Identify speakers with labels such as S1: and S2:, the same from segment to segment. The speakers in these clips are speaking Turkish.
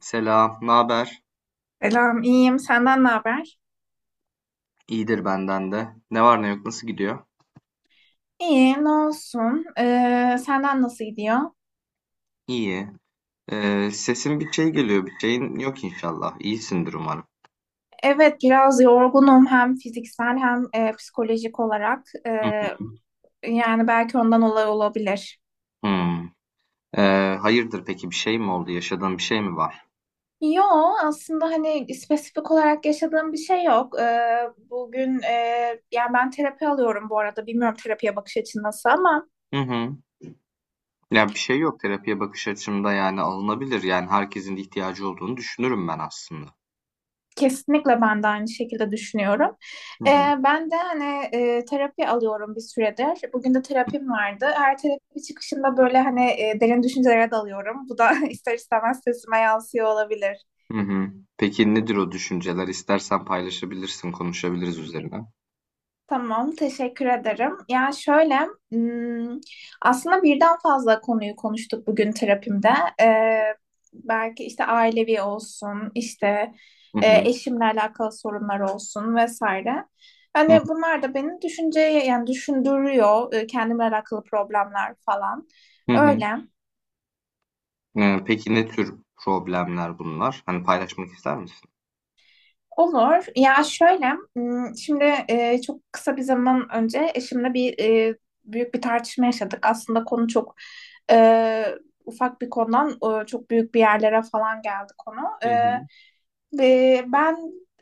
S1: Selam, ne haber?
S2: Selam, iyiyim. Senden ne haber?
S1: İyidir benden de. Ne var ne yok, nasıl gidiyor?
S2: İyiyim, ne olsun? Senden nasıl gidiyor?
S1: İyi. Sesin bir şey geliyor, bir şeyin yok inşallah. İyisindir umarım.
S2: Evet, biraz yorgunum hem fiziksel hem psikolojik olarak.
S1: Hı
S2: Ee,
S1: hı.
S2: yani belki ondan olay olabilir.
S1: Hmm. Hayırdır peki bir şey mi oldu? Yaşadığın bir şey mi var?
S2: Yo, aslında hani spesifik olarak yaşadığım bir şey yok. Bugün yani ben terapi alıyorum bu arada. Bilmiyorum terapiye bakış açın nasıl ama.
S1: Hı hı. Ya bir şey yok terapiye bakış açımda yani alınabilir. Yani herkesin de ihtiyacı olduğunu düşünürüm ben aslında.
S2: Kesinlikle ben de aynı şekilde düşünüyorum.
S1: Hı
S2: Ee,
S1: hı.
S2: ben de hani terapi alıyorum bir süredir. Bugün de terapim vardı. Her terapi çıkışında böyle hani derin düşüncelere dalıyorum. Bu da ister istemez sesime yansıyor olabilir.
S1: Hı hı. Peki nedir o düşünceler? İstersen paylaşabilirsin, konuşabiliriz üzerine.
S2: Tamam, teşekkür ederim. Yani şöyle, hmm, aslında birden fazla konuyu konuştuk bugün terapimde. Ee, belki işte ailevi olsun, işte
S1: Hı hı.
S2: eşimle alakalı sorunlar olsun vesaire. Hani bunlar da beni düşünceye yani düşündürüyor, kendimle alakalı problemler falan.
S1: Hı hı.
S2: Öyle.
S1: Hıı, peki ne tür problemler bunlar? Hani, paylaşmak ister misin?
S2: Olur. Ya şöyle, şimdi çok kısa bir zaman önce eşimle bir büyük bir tartışma yaşadık. Aslında konu çok e, ufak bir konudan çok büyük bir yerlere falan geldi konu.
S1: Hı
S2: E,
S1: hı.
S2: ve ben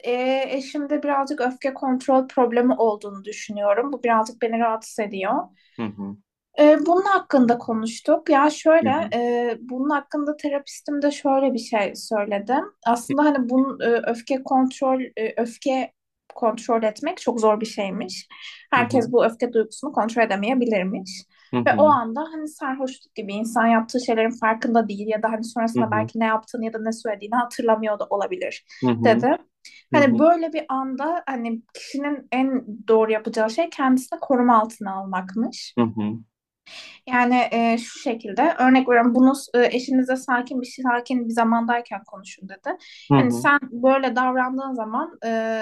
S2: eşimde birazcık öfke kontrol problemi olduğunu düşünüyorum. Bu birazcık beni rahatsız ediyor.
S1: Hı hı.
S2: Bunun hakkında konuştuk. Ya
S1: Hı
S2: şöyle,
S1: hı.
S2: bunun hakkında terapistim de şöyle bir şey söyledim. Aslında hani bunun öfke kontrol, öfke kontrol etmek çok zor bir şeymiş.
S1: Hı.
S2: Herkes bu öfke duygusunu kontrol edemeyebilirmiş.
S1: Hı
S2: Ve o
S1: hı.
S2: anda hani sarhoşluk gibi insan yaptığı şeylerin farkında değil ya da hani
S1: Hı
S2: sonrasında
S1: hı.
S2: belki ne yaptığını ya da ne söylediğini hatırlamıyor da olabilir
S1: Hı hı.
S2: dedi.
S1: Hı
S2: Hani
S1: hı.
S2: böyle bir anda hani kişinin en doğru yapacağı şey kendisini koruma altına almakmış.
S1: Hı hı.
S2: Yani şu şekilde örnek veriyorum bunu eşinize sakin bir zamandayken konuşun dedi.
S1: Hı
S2: Hani
S1: hı.
S2: sen böyle davrandığın zaman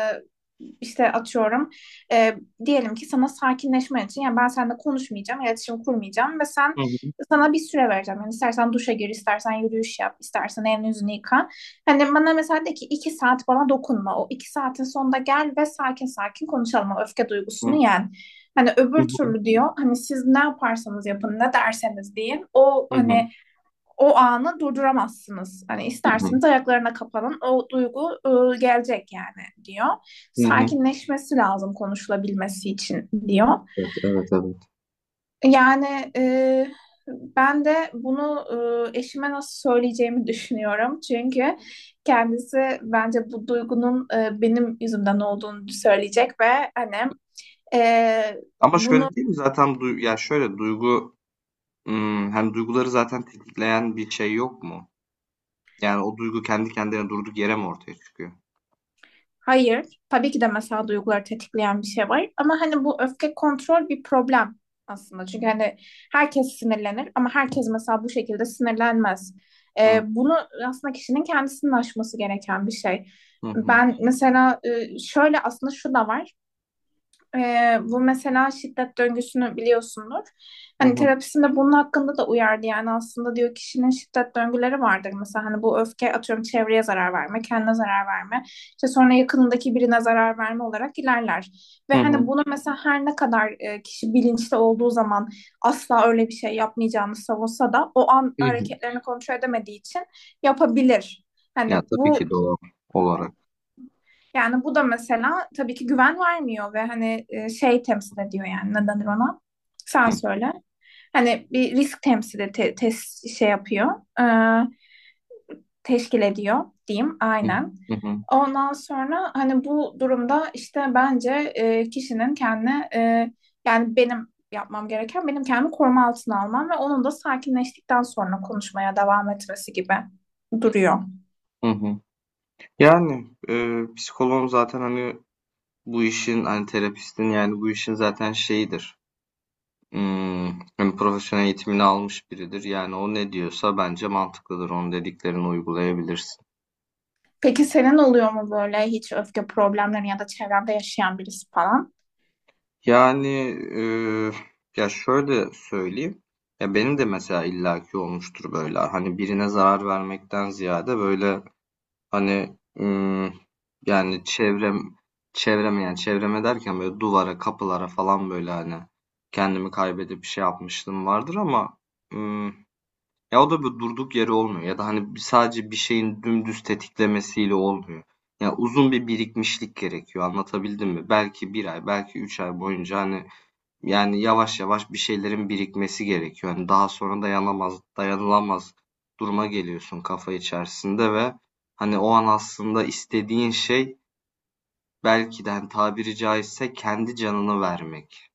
S2: işte atıyorum e, diyelim ki sana sakinleşmen için yani ben seninle konuşmayacağım, iletişim kurmayacağım ve sen
S1: Hı hı.
S2: sana bir süre vereceğim. Yani istersen duşa gir, istersen yürüyüş yap, istersen elini yüzünü yıka. Hani bana mesela de ki iki saat bana dokunma. O iki saatin sonunda gel ve sakin sakin konuşalım. O öfke
S1: Hı hı.
S2: duygusunu
S1: Hı.
S2: yen. Hani
S1: Hı
S2: öbür
S1: hı.
S2: türlü diyor hani siz ne yaparsanız yapın ne derseniz deyin o
S1: Hı hı.
S2: hani o anı durduramazsınız. Hani
S1: Hı hı.
S2: isterseniz ayaklarına kapanın o duygu gelecek yani diyor. Sakinleşmesi lazım konuşulabilmesi için diyor.
S1: Evet, evet, evet.
S2: Yani ben de bunu eşime nasıl söyleyeceğimi düşünüyorum. Çünkü kendisi bence bu duygunun benim yüzümden olduğunu söyleyecek ve hani e,
S1: Ama şöyle
S2: bunu.
S1: değil mi zaten ya, hani, duyguları zaten tetikleyen bir şey yok mu? Yani, o duygu kendi kendine durduk yere mi ortaya çıkıyor?
S2: Hayır, tabii ki de mesela duyguları tetikleyen bir şey var. Ama hani bu öfke kontrol bir problem aslında. Çünkü hani herkes sinirlenir ama herkes mesela bu şekilde sinirlenmez. Bunu aslında kişinin kendisinin aşması gereken bir şey.
S1: Hı hı.
S2: Ben mesela şöyle aslında şu da var. Bu mesela şiddet döngüsünü biliyorsundur.
S1: Hı
S2: Hani
S1: hı.
S2: terapisinde bunun hakkında da uyardı yani aslında diyor kişinin şiddet döngüleri vardır. Mesela hani bu öfke atıyorum çevreye zarar verme, kendine zarar verme, işte sonra yakınındaki birine zarar verme olarak ilerler. Ve
S1: Hı hı.
S2: hani bunu mesela her ne kadar kişi bilinçli olduğu zaman asla öyle bir şey yapmayacağını savunsa da o an
S1: Hı hı.
S2: hareketlerini kontrol edemediği için yapabilir. Hani
S1: Ya, tabii
S2: bu
S1: ki doğal olarak.
S2: yani bu da mesela tabii ki güven vermiyor ve hani şey temsil ediyor yani ne denir ona?
S1: Hı
S2: Sen söyle. Hani bir risk temsil et, şey yapıyor. Ee, teşkil ediyor diyeyim
S1: hı.
S2: aynen.
S1: Hı hı.
S2: Ondan sonra hani bu durumda işte bence kişinin kendine yani benim yapmam gereken benim kendimi koruma altına almam ve onun da sakinleştikten sonra konuşmaya devam etmesi gibi duruyor.
S1: Hı hı. Yani, psikoloğun zaten, hani, bu işin, hani, terapistin, yani, bu işin zaten şeyidir, hani, profesyonel eğitimini almış biridir. Yani, o ne diyorsa bence mantıklıdır. Onun dediklerini uygulayabilirsin.
S2: Peki senin oluyor mu böyle hiç öfke problemleri ya da çevrende yaşayan birisi falan?
S1: Yani, eee, ya, şöyle söyleyeyim, ya, benim de mesela illaki olmuştur böyle, hani, birine zarar vermekten ziyade, böyle, hani yani çevreme yani çevreme derken böyle duvara, kapılara falan böyle hani kendimi kaybedip bir şey yapmışlığım vardır ama ım, ya o da bir durduk yeri olmuyor ya da hani sadece bir şeyin dümdüz tetiklemesiyle olmuyor. Ya uzun bir birikmişlik gerekiyor. Anlatabildim mi? Belki bir ay, belki 3 ay boyunca hani yani yavaş yavaş bir şeylerin birikmesi gerekiyor. Yani daha sonra dayanamaz, dayanılamaz duruma geliyorsun kafa içerisinde ve hani o an aslında istediğin şey belki de hani tabiri caizse kendi canını vermek.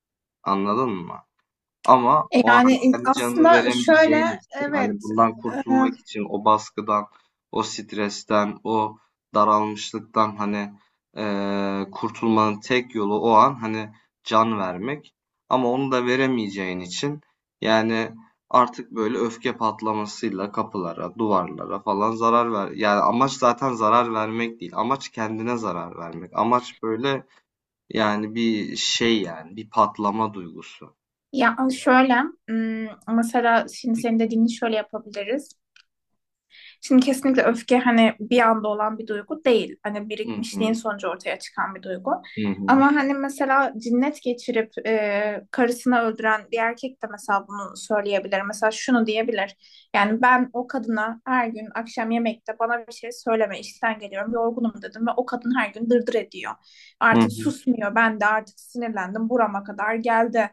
S1: Anladın mı? Ama
S2: E,
S1: o
S2: Yani
S1: an kendi canını
S2: aslında şöyle
S1: veremeyeceğin için hani
S2: evet
S1: bundan
S2: e,
S1: kurtulmak için o baskıdan, o stresten, o daralmışlıktan hani kurtulmanın tek yolu o an hani can vermek. Ama onu da veremeyeceğin için yani artık böyle öfke patlamasıyla kapılara, duvarlara falan zarar ver. Yani amaç zaten zarar vermek değil. Amaç kendine zarar vermek. Amaç böyle yani bir şey yani bir patlama duygusu.
S2: ya şöyle mesela şimdi senin dediğini şöyle yapabiliriz. Şimdi kesinlikle öfke hani bir anda olan bir duygu değil. Hani
S1: Hı
S2: birikmişliğin
S1: hı.
S2: sonucu ortaya çıkan bir duygu.
S1: Hı hı.
S2: Ama hani mesela cinnet geçirip karısını öldüren bir erkek de mesela bunu söyleyebilir. Mesela şunu diyebilir. Yani ben o kadına her gün akşam yemekte bana bir şey söyleme işten geliyorum yorgunum dedim ve o kadın her gün dırdır ediyor.
S1: Hı
S2: Artık
S1: hı.
S2: susmuyor ben de artık sinirlendim burama kadar geldi.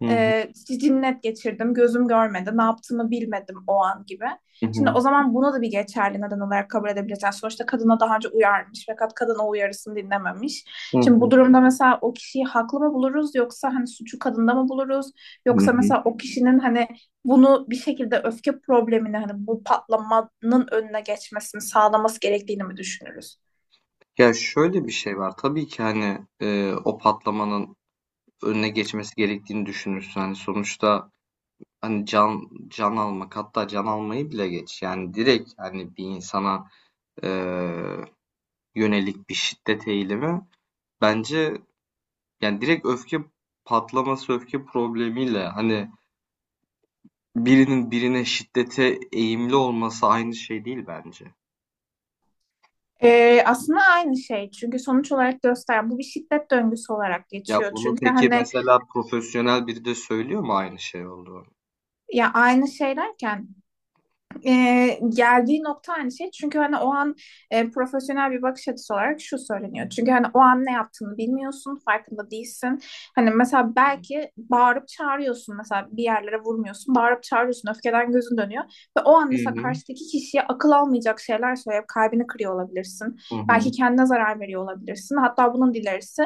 S1: Hı hı.
S2: E, cinnet geçirdim gözüm görmedi ne yaptığımı bilmedim o an gibi.
S1: Hı
S2: Şimdi
S1: hı.
S2: o zaman buna da bir geçerli neden olarak kabul edebileceğiz. Sonuçta kadına daha önce uyarmış fakat kadın o uyarısını dinlememiş.
S1: Hı
S2: Şimdi bu
S1: hı.
S2: durumda mesela o kişiyi haklı mı buluruz yoksa hani suçu kadında mı buluruz?
S1: Hı
S2: Yoksa
S1: hı.
S2: mesela o kişinin hani bunu bir şekilde öfke problemini hani bu patlamanın önüne geçmesini sağlaması gerektiğini mi düşünürüz?
S1: Ya, şöyle bir şey var. Tabii ki, hani, o patlamanın önüne geçmesi gerektiğini düşünürsün. Hani, sonuçta, hani, can almak, hatta can almayı bile geç, yani, direkt, hani, bir insana, eee, yönelik bir şiddet eğilimi bence, yani, direkt öfke patlaması, öfke problemiyle, hani, birinin birine şiddete eğimli olması aynı şey değil bence.
S2: Aslında aynı şey çünkü sonuç olarak gösteren bu bir şiddet döngüsü olarak
S1: Ya
S2: geçiyor.
S1: bunu
S2: Çünkü
S1: peki
S2: hani
S1: mesela profesyonel biri de söylüyor mu aynı şey olduğunu?
S2: ya aynı şeylerken e, geldiği nokta aynı şey. Çünkü hani o an profesyonel bir bakış açısı olarak şu söyleniyor. Çünkü hani o an ne yaptığını bilmiyorsun, farkında değilsin. Hani mesela
S1: Hı
S2: belki bağırıp çağırıyorsun mesela bir yerlere vurmuyorsun, bağırıp çağırıyorsun, öfkeden gözün dönüyor. Ve o an mesela
S1: hı.
S2: karşıdaki kişiye akıl almayacak şeyler söyleyip kalbini kırıyor olabilirsin.
S1: Hı
S2: Belki
S1: hı.
S2: kendine zarar veriyor olabilirsin. Hatta bunun dilerisi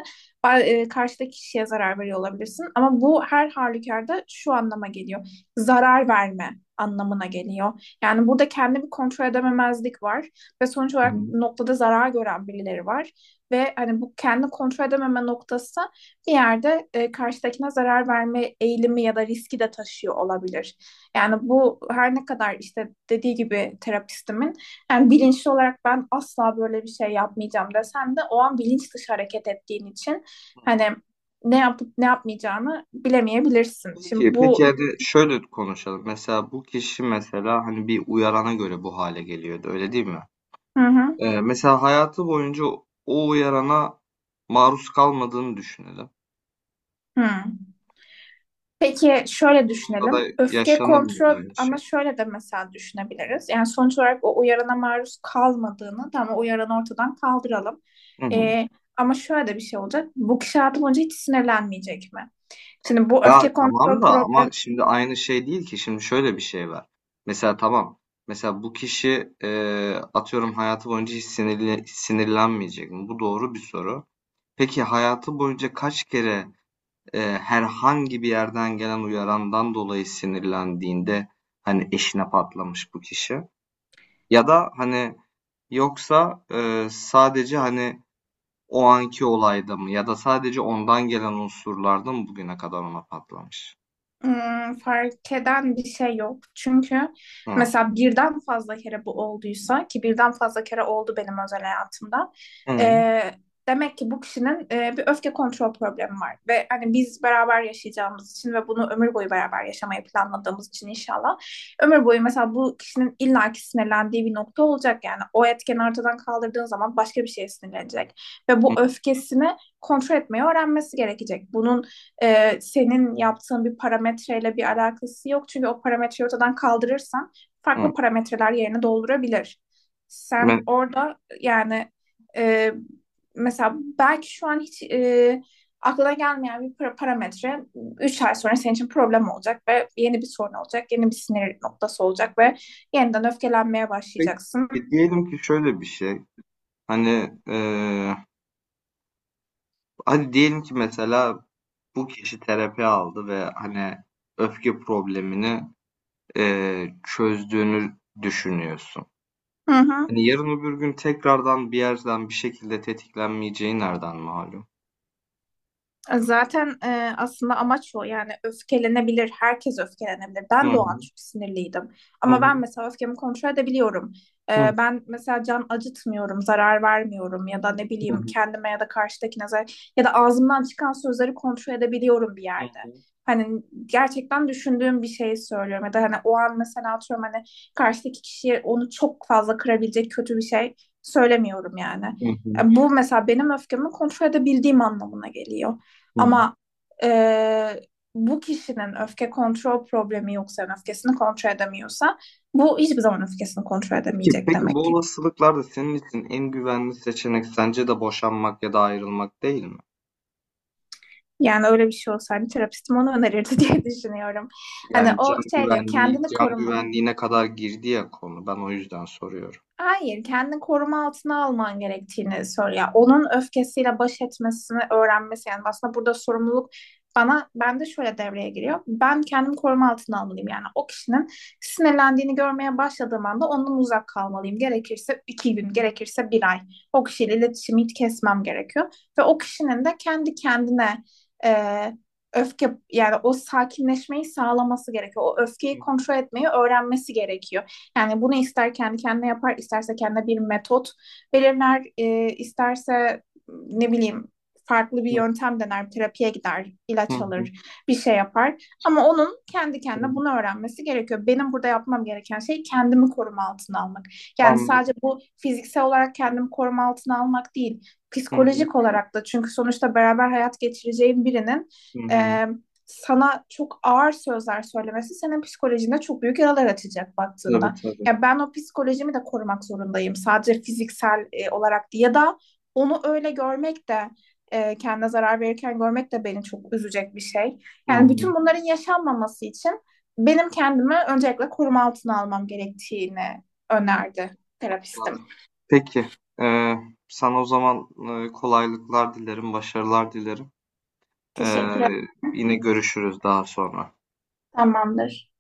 S2: karşıdaki kişiye zarar veriyor olabilirsin. Ama bu her halükarda şu anlama geliyor. Zarar verme anlamına geliyor. Yani burada kendimi kontrol edememezlik var ve sonuç
S1: Hı
S2: olarak
S1: hı.
S2: noktada zarar gören birileri var ve hani bu kendi kontrol edememe noktası bir yerde karşıdakine zarar verme eğilimi ya da riski de taşıyor olabilir. Yani bu her ne kadar işte dediği gibi terapistimin yani bilinçli olarak ben asla böyle bir şey yapmayacağım desem de o an bilinç dışı hareket ettiğin için
S1: Hı
S2: hani
S1: hı.
S2: ne yapıp ne yapmayacağını bilemeyebilirsin. Şimdi
S1: Peki,
S2: bu
S1: peki, hadi şöyle konuşalım. Mesela bu kişi mesela hani bir uyarana göre bu hale geliyordu, öyle değil mi?
S2: hı hı,
S1: Mesela hayatı boyunca o uyarana maruz kalmadığını düşünelim.
S2: hı. Peki
S1: Bu
S2: şöyle
S1: durumda
S2: düşünelim.
S1: da
S2: Öfke
S1: yaşanır mıydı
S2: kontrol
S1: aynı
S2: ama
S1: şey?
S2: şöyle de mesela düşünebiliriz. Yani sonuç olarak o uyarana maruz kalmadığını tamam o uyaranı ortadan kaldıralım. Ee, ama şöyle de bir şey olacak. Bu kişi hayatı boyunca hiç sinirlenmeyecek mi? Şimdi bu
S1: Ya
S2: öfke
S1: tamam
S2: kontrol
S1: da ama
S2: problemi.
S1: şimdi aynı şey değil ki. Şimdi şöyle bir şey var. Mesela tamam. Mesela bu kişi atıyorum hayatı boyunca hiç sinirlenmeyecek mi? Bu doğru bir soru. Peki hayatı boyunca kaç kere herhangi bir yerden gelen uyarandan dolayı sinirlendiğinde hani eşine patlamış bu kişi? Ya da hani yoksa sadece hani o anki olayda mı? Ya da sadece ondan gelen unsurlarda mı bugüne kadar ona patlamış?
S2: Fark eden bir şey yok. Çünkü
S1: Hı.
S2: mesela birden fazla kere bu olduysa ki birden fazla kere oldu benim özel hayatımda. e,
S1: Hı,
S2: demek ki bu kişinin bir öfke kontrol problemi var. Ve hani biz beraber yaşayacağımız için ve bunu ömür boyu beraber yaşamayı planladığımız için inşallah ömür boyu mesela bu kişinin illaki sinirlendiği bir nokta olacak. Yani o etkeni ortadan kaldırdığın zaman başka bir şeye sinirlenecek. Ve
S1: hı,
S2: bu öfkesini kontrol etmeyi öğrenmesi gerekecek. Bunun senin yaptığın bir parametreyle bir alakası yok. Çünkü o parametreyi ortadan kaldırırsan
S1: hı.
S2: farklı parametreler yerini doldurabilir. Sen
S1: Ben,
S2: orada yani e, mesela belki şu an hiç aklına gelmeyen bir parametre 3 ay sonra senin için problem olacak ve yeni bir sorun olacak, yeni bir sinir noktası olacak ve yeniden öfkelenmeye başlayacaksın.
S1: peki, diyelim ki şöyle bir şey. Hani hadi diyelim ki mesela bu kişi terapi aldı ve hani öfke problemini çözdüğünü düşünüyorsun.
S2: Hı hı.
S1: Hani yarın öbür gün tekrardan bir yerden bir şekilde tetiklenmeyeceği nereden malum?
S2: Zaten aslında amaç o yani öfkelenebilir, herkes öfkelenebilir.
S1: Hı
S2: Ben de
S1: hı,
S2: o an çok sinirliydim.
S1: hı
S2: Ama
S1: hı,
S2: ben mesela öfkemi kontrol edebiliyorum. Ben mesela can acıtmıyorum, zarar vermiyorum ya da ne
S1: hı
S2: bileyim
S1: hı,
S2: kendime ya da karşıdakine ya da ağzımdan çıkan sözleri kontrol edebiliyorum bir
S1: hı
S2: yerde.
S1: hı,
S2: Hani gerçekten düşündüğüm bir şeyi söylüyorum ya da hani o an mesela atıyorum hani karşıdaki kişiye onu çok fazla kırabilecek kötü bir şey söylemiyorum yani.
S1: hı hı,
S2: Bu mesela benim öfkemi kontrol edebildiğim anlamına geliyor.
S1: hı hı.
S2: Ama e, bu kişinin öfke kontrol problemi yoksa, yani öfkesini kontrol edemiyorsa bu hiçbir zaman öfkesini kontrol
S1: Peki,
S2: edemeyecek
S1: peki,
S2: demek
S1: bu
S2: ki.
S1: olasılıklarda senin için en güvenli seçenek sence de boşanmak ya da ayrılmak değil mi?
S2: Yani öyle bir şey olsaydı terapistim onu önerirdi diye düşünüyorum. Hani
S1: Yani
S2: o şey diyor kendini
S1: can
S2: koruma,
S1: güvenliğine kadar girdi ya konu. Ben o yüzden soruyorum.
S2: hayır, kendini koruma altına alman gerektiğini söylüyor. Onun öfkesiyle baş etmesini öğrenmesi yani aslında burada sorumluluk bana ben de şöyle devreye giriyor. Ben kendimi koruma altına almalıyım yani o kişinin sinirlendiğini görmeye başladığım anda ondan uzak kalmalıyım. Gerekirse iki gün, gerekirse bir ay o kişiyle iletişimi hiç kesmem gerekiyor ve o kişinin de kendi kendine e, öfke yani o sakinleşmeyi sağlaması gerekiyor. O öfkeyi
S1: Hı
S2: kontrol etmeyi öğrenmesi gerekiyor. Yani bunu ister kendi kendine yapar, isterse kendine bir metot belirler, isterse ne bileyim farklı bir
S1: hı,
S2: yöntem dener, terapiye gider,
S1: hı
S2: ilaç
S1: hı.
S2: alır, bir şey yapar. Ama onun kendi
S1: Hı.
S2: kendine bunu öğrenmesi gerekiyor. Benim burada yapmam gereken şey kendimi koruma altına almak. Yani sadece
S1: Anladım.
S2: bu fiziksel olarak kendimi koruma altına almak değil,
S1: Hı hı,
S2: psikolojik olarak da çünkü sonuçta beraber hayat geçireceğin birinin
S1: hı hı.
S2: e, sana çok ağır sözler söylemesi senin psikolojinde çok büyük yaralar açacak
S1: Tabii,
S2: baktığında.
S1: tabii.
S2: Ya ben o psikolojimi de korumak zorundayım. Sadece fiziksel olarak değil. Ya da onu öyle görmek de kendine zarar verirken görmek de beni çok üzecek bir şey.
S1: Hı
S2: Yani
S1: hı.
S2: bütün bunların yaşanmaması için benim kendimi öncelikle koruma altına almam gerektiğini önerdi terapistim.
S1: Anladım. Peki. Ee, Sana o zaman kolaylıklar dilerim, başarılar dilerim. Ee,
S2: Teşekkür ederim.
S1: Yine görüşürüz daha sonra.
S2: Tamamdır.